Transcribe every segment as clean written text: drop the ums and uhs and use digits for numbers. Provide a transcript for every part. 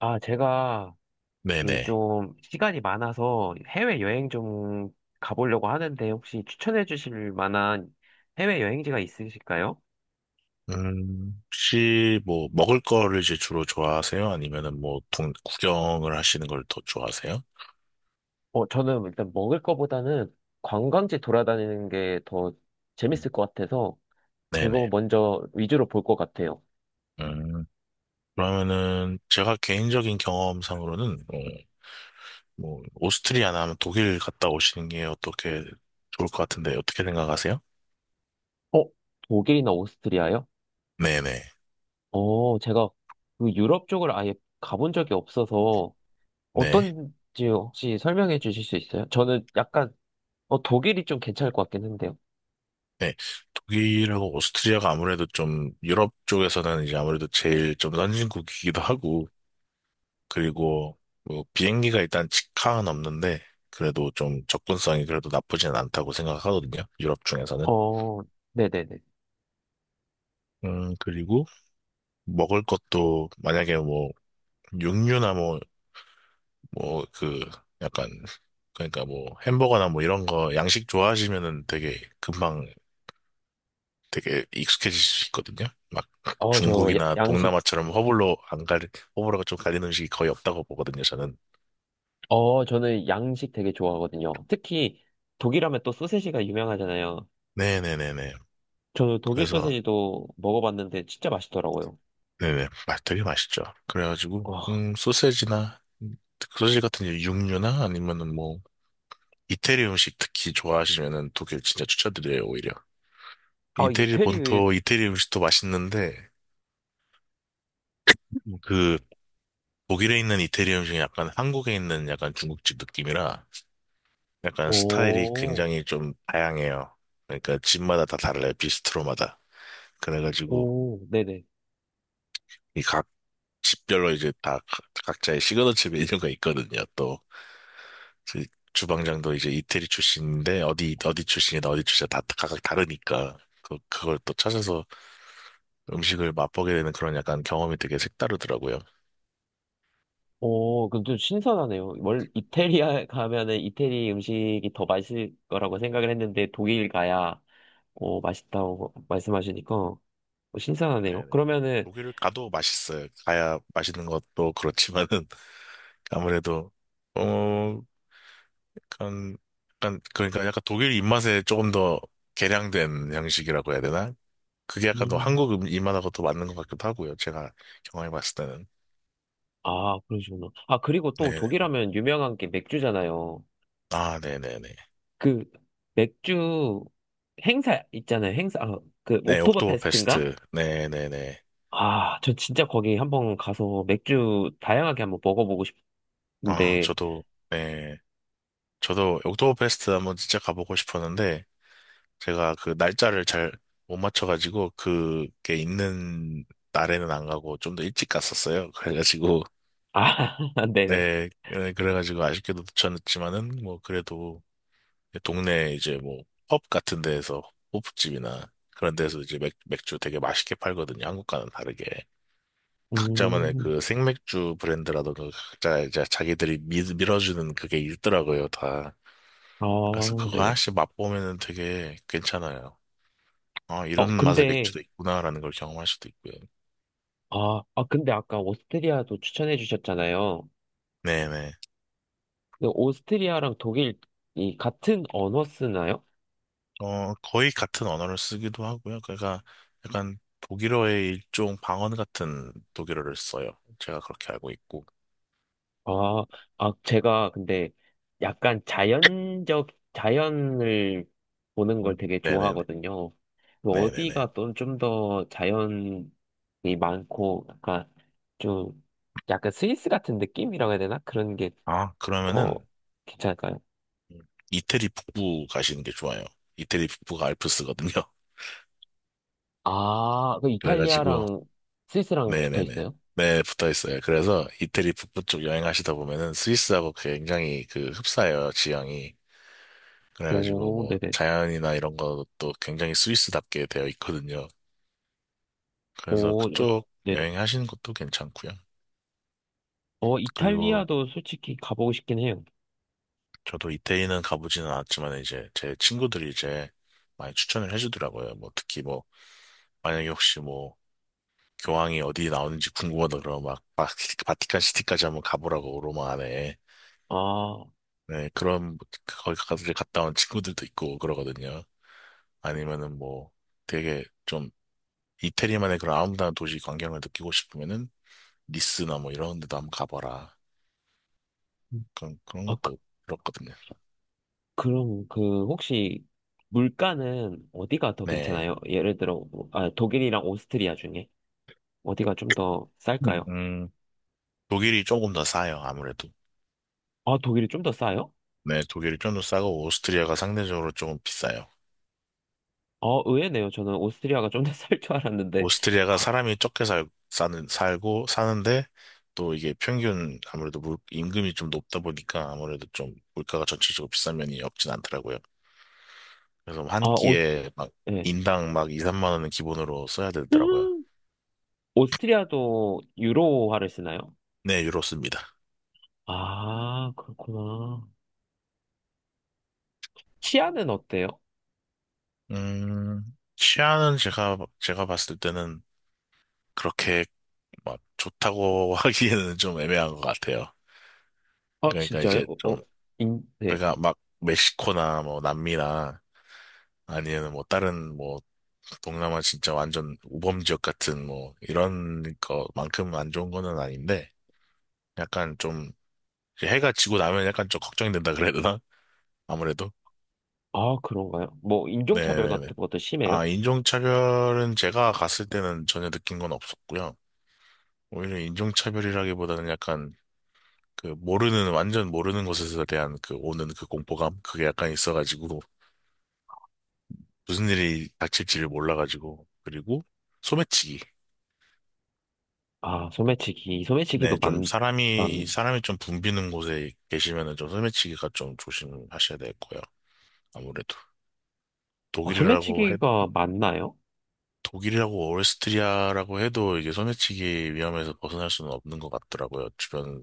제가 이제 네네. 좀 시간이 많아서 해외여행 좀 가보려고 하는데 혹시 추천해 주실 만한 해외여행지가 있으실까요? 혹시 뭐 먹을 거를 이제 주로 좋아하세요? 아니면은 뭐 구경을 하시는 걸 더 좋아하세요? 저는 일단 먹을 거보다는 관광지 돌아다니는 게 더 재밌을 것 같아서 그거 네네. 먼저 위주로 볼 것 같아요. 음, 그러면은 제가 개인적인 경험상으로는 뭐 오스트리아나 아니면 독일 갔다 오시는 게 어떻게 좋을 것 같은데 어떻게 생각하세요? 어, 독일이나 오스트리아요? 네네. 제가 그 유럽 쪽을 아예 가본 적이 없어서 네. 어떤지 혹시 설명해 주실 수 있어요? 저는 약간 독일이 좀 괜찮을 것 같긴 한데요. 네. 독일하고 오스트리아가 아무래도 좀 유럽 쪽에서는 이제 아무래도 제일 좀 선진국이기도 하고, 그리고 뭐 비행기가 일단 직항은 없는데 그래도 좀 접근성이 그래도 나쁘진 않다고 생각하거든요. 유럽 중에서는. 어, 네네네. 그리고 먹을 것도 만약에 뭐 육류나 뭐 약간, 그러니까 뭐 햄버거나 뭐 이런 거 양식 좋아하시면은 되게 금방 되게 익숙해질 수 있거든요. 막 중국이나 양식, 동남아처럼 허블로 안 갈, 허블호가 좀 갈리는 음식이 거의 없다고 보거든요, 저는. 저는 양식 되게 좋아하거든요. 특히 독일하면 또 소세지가 유명하잖아요. 네네네네. 저는 독일 그래서 소세지도 먹어봤는데 진짜 맛있더라고요. 되게 맛있죠. 그래가지고, 와, 소세지나, 소세지 같은 이제 육류나 아니면은 뭐, 이태리 음식 특히 좋아하시면은 독일 진짜 추천드려요, 오히려. 이태리 이태리의, 본토, 이태리 음식도 맛있는데, 음, 그, 독일에 있는 이태리 음식이 약간 한국에 있는 약간 중국집 느낌이라, 약간 스타일이 오, 굉장히 좀 다양해요. 그러니까 집마다 다 달라요, 비스트로마다. 그래가지고, 오, 네네. 이 각 집별로 이제 다 각자의 시그너처 메뉴가 있거든요, 또. 그 주방장도 이제 이태리 출신인데 어디 어디 출신이다 어디 출신이다 다 각각 다르니까 그걸 또 찾아서 음식을 맛보게 되는 그런 약간 경험이 되게 색다르더라고요. 오, 그럼 좀 신선하네요. 원 이태리에 가면은 이태리 음식이 더 맛있을 거라고 생각을 했는데 독일 가야, 오, 맛있다고 말씀하시니까 신선하네요. 네네. 그러면은, 독일을 가도 맛있어요. 가야 맛있는 것도 그렇지만은 아무래도 어 약간 약간 그러니까 약간 독일 입맛에 조금 더 개량된 양식이라고 해야 되나? 그게 약간 더 한국 입맛하고 더 맞는 것 같기도 하고요. 제가 경험해봤을 때는. 아, 그러시구나. 아, 그리고 또 네네네. 독일하면 유명한 게 맥주잖아요. 아 네네네. 그 맥주 행사 있잖아요. 행사, 아, 그 네, 옥토버 페스트인가? 옥토버페스트. 네, 네, 네. 아, 저 진짜 거기 한번 가서 맥주 다양하게 한번 먹어보고 아, 싶은데, 저도, 네. 저도 옥토버페스트 한번 진짜 가보고 싶었는데, 제가 그 날짜를 잘 못 맞춰가지고, 그게 있는 날에는 안 가고, 좀 더 일찍 갔었어요. 그래가지고, 아, 네네. 네, 네, 그래가지고 아쉽게도 놓쳤지만은, 뭐, 그래도, 동네 이제 뭐, 펍 같은 데에서, 호프집이나 그런 데서 이제 맥주 되게 맛있게 팔거든요. 한국과는 다르게. 각자만의 음, 그 생맥주 브랜드라던가 각자 이제 자기들이 어주는 그게 있더라고요, 다. 아, 그래서 그거 네네. 하나씩 맛보면은 되게 괜찮아요. 아, 이런 어, 맛의 근데, 맥주도 있구나라는 걸 경험할 수도 있고요. 아, 아, 근데 아까 오스트리아도 추천해 주셨잖아요. 네네. 근데 오스트리아랑 독일이 같은 언어 쓰나요? 어, 거의 같은 언어를 쓰기도 하고요. 그러니까 약간 독일어의 일종 방언 같은 독일어를 써요. 제가 그렇게 알고 있고. 아, 아, 제가 근데 약간 자연을 보는 걸 음, 되게 네네네. 좋아하거든요. 그 네네네. 어디가 또 좀 더 자연이 많고, 약간 좀, 약간 스위스 같은 느낌이라고 해야 되나? 그런 게 아, 더 그러면은 괜찮을까요? 이태리 북부 가시는 게 좋아요. 이태리 북부가 알프스거든요. 아, 그 그래가지고 이탈리아랑 스위스랑 붙어 네네네. 있어요? 네, 붙어 있어요. 그래서 이태리 북부 쪽 여행하시다 보면은 스위스하고 굉장히 그 흡사해요, 지형이. 그래가지고 오, 뭐 네네. 자연이나 이런 것도 굉장히 스위스답게 되어 있거든요. 그래서 오, 어, 그쪽 네네. 여행하시는 것도 괜찮고요. 어, 그리고 이탈리아도 솔직히 가보고 싶긴 해요. 저도 이태리는 가보지는 않았지만 이제 제 친구들이 이제 많이 추천을 해주더라고요. 뭐 특히 뭐 만약에 혹시 뭐 교황이 어디 나오는지 궁금하다 그러면 막 바티칸 시티까지 한번 가보라고 로마 안에. 아, 네, 그런, 거기 가서 갔다 온 친구들도 있고 그러거든요. 아니면은 뭐 되게 좀 이태리만의 그런 아름다운 도시 광경을 느끼고 싶으면은 니스나 뭐 이런 데도 한번 가봐라. 그런, 그런 아, 것도 들었거든요. 그럼 그 혹시 물가는 어디가 더 네. 괜찮아요? 예를 들어 뭐, 아, 독일이랑 오스트리아 중에 어디가 좀 더 음, 쌀까요? 음, 독일이 조금 더 싸요, 아무래도. 아 독일이 좀 더 싸요? 네, 독일이 좀 더 싸고 오스트리아가 상대적으로 조금 비싸요. 아 의외네요. 저는 오스트리아가 좀 더 쌀 줄 알았는데 오스트리아가 사람이 살고 사는데 또 이게 평균 아무래도 임금이 좀 높다 보니까 아무래도 좀 물가가 전체적으로 비싼 면이 없진 않더라고요. 그래서 뭐 한 아 오스 끼에 막 예. 인당 막 2, 3만 원은 기본으로 써야 되더라고요. 음, 오스트리아도 유로화를 쓰나요? 네, 유로 씁니다. 아 그렇구나. 치아는 어때요? 음, 치아는 제가 봤을 때는 그렇게 막 좋다고 하기에는 좀 애매한 것 같아요. 아 그러니까 진짜요? 이제 어, 어, 좀, 인, 네. 그러니까 막 멕시코나 뭐 남미나 아니면 뭐 다른 뭐 동남아 진짜 완전 우범 지역 같은 뭐 이런 거만큼 안 좋은 거는 아닌데 약간 좀 이제 해가 지고 나면 약간 좀 걱정이 된다 그래야 되나? 아무래도. 아 그런가요? 뭐 인종차별 네네네. 같은 것도 심해요? 아, 인종차별은 제가 갔을 때는 전혀 느낀 건 없었고요. 오히려 인종차별이라기보다는 약간 그 모르는, 완전 모르는 곳에서 대한 그 오는 그 공포감? 그게 약간 있어가지고 무슨 일이 닥칠지를 몰라가지고. 그리고 소매치기. 아 네, 소매치기도 좀 많 많. 사람이 좀 붐비는 곳에 계시면은 좀 소매치기가 좀 조심하셔야 될 거예요. 아무래도. 어, 독일이라고 소매치기가 맞나요? 독일이라고 오레스트리아라고 해도 이게 소매치기 위험에서 벗어날 수는 없는 것 같더라고요. 주변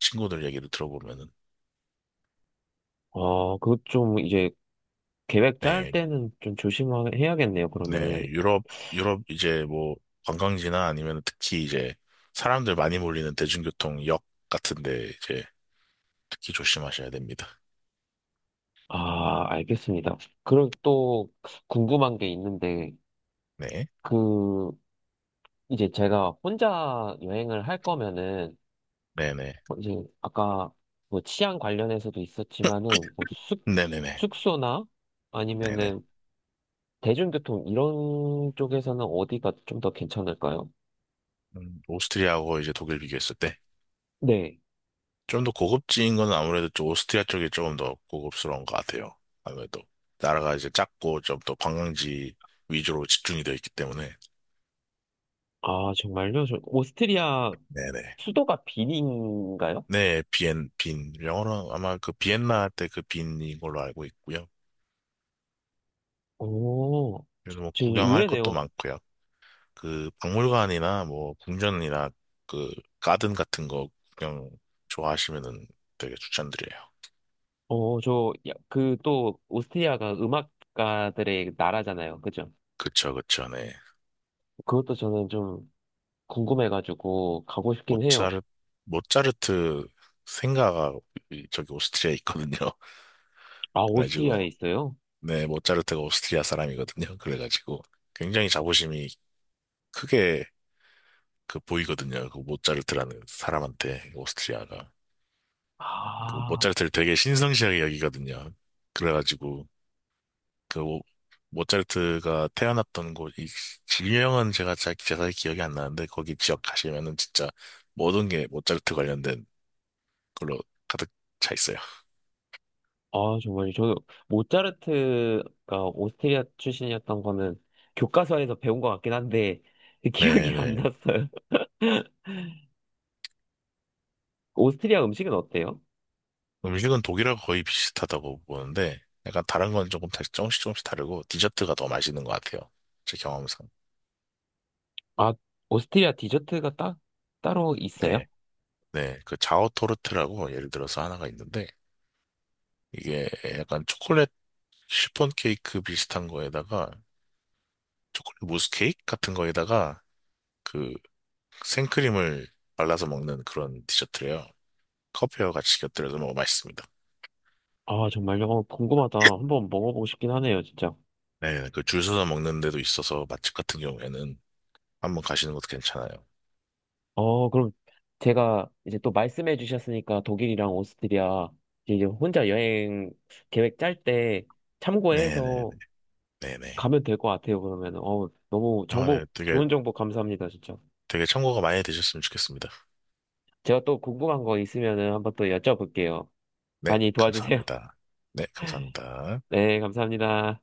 친구들 얘기를 들어보면은. 어, 그거 좀 이제 계획 짤 네, 때는 좀 조심해야겠네요, 그러면은. 네, 유럽 이제 뭐 관광지나 아니면 특히 이제 사람들 많이 몰리는 대중교통 역 같은데 이제 특히 조심하셔야 됩니다. 아, 알겠습니다. 그리고 또 궁금한 게 있는데, 네, 그, 이제 제가 혼자 여행을 할 거면은, 네네, 뭐 이제 아까 뭐 치안 관련해서도 있었지만은, 뭐 숙, 네네네, 숙소나 네네. 아니면은 대중교통 이런 쪽에서는 어디가 좀 더 괜찮을까요? 오스트리아하고 이제 독일 비교했을 때. 네. 좀 더 고급진 건 아무래도 좀 오스트리아 쪽이 조금 더 고급스러운 것 같아요. 아무래도 나라가 이제 작고 좀 더 관광지 위주로 집중이 되어 있기 때문에. 아, 정말요? 저 오스트리아 네네. 수도가 비린인가요? 네, 빈. 영어로 아마 그 비엔나 때 그 빈인 걸로 알고 있고요. 오, 그래서 뭐 저 구경할 것도 의외네요. 많고요. 그 박물관이나 뭐 궁전이나 그 가든 같은 거 구경 좋아하시면은 되게 추천드려요. 그 또, 오스트리아가 음악가들의 나라잖아요. 그죠? 그쵸, 그쵸, 네. 그것도 저는 좀 궁금해가지고 가고 싶긴 해요. 모차르 모차르트 생가가 저기 오스트리아에 있거든요. 아, 오스트리아에 그래가지고 있어요? 네 모차르트가 오스트리아 사람이거든요. 그래가지고 굉장히 자부심이 크게 그 보이거든요. 그 모차르트라는 사람한테 오스트리아가 그 아, 모차르트를 되게 신성시하게 여기거든요. 그래가지고 그 모- 모차르트가 태어났던 곳, 이 지명은 제가 기억이 안 나는데 거기 지역 가시면은 진짜 모든 게 모차르트 관련된 걸로 가득 차 있어요. 아, 정말. 저, 모차르트가 오스트리아 출신이었던 거는 교과서에서 배운 것 같긴 한데, 기억이 안 네네. 났어요. 오스트리아 음식은 어때요? 음식은 독일하고 거의 비슷하다고 보는데 약간 다른 건 조금씩 조금씩 다르고 디저트가 더 맛있는 것 같아요. 제 경험상. 아, 오스트리아 디저트가 딱, 따로 네. 있어요? 네. 그 자오토르트라고 예를 들어서 하나가 있는데 이게 약간 초콜릿 시폰 케이크 비슷한 거에다가 초콜릿 무스 케이크 같은 거에다가 그 생크림을 발라서 먹는 그런 디저트래요. 커피와 같이 곁들여서 먹으면 맛있습니다. 아, 정말요? 어, 궁금하다. 한번 먹어보고 싶긴 하네요, 진짜. 네. 그 줄 서서 먹는 데도 있어서 맛집 같은 경우에는 한번 가시는 것도 괜찮아요. 어, 그럼 제가 이제 또 말씀해 주셨으니까 독일이랑 오스트리아 이제 혼자 여행 계획 짤 때 네네네. 참고해서 네네. 가면 될 것 같아요, 그러면. 어, 너무 아, 네. 정보, 좋은 정보 감사합니다, 진짜. 되게 참고가 많이 되셨으면 좋겠습니다. 제가 또 궁금한 거 있으면은 한번 또 여쭤볼게요. 네, 많이 도와주세요. 감사합니다. 네, 감사합니다. 네, 감사합니다.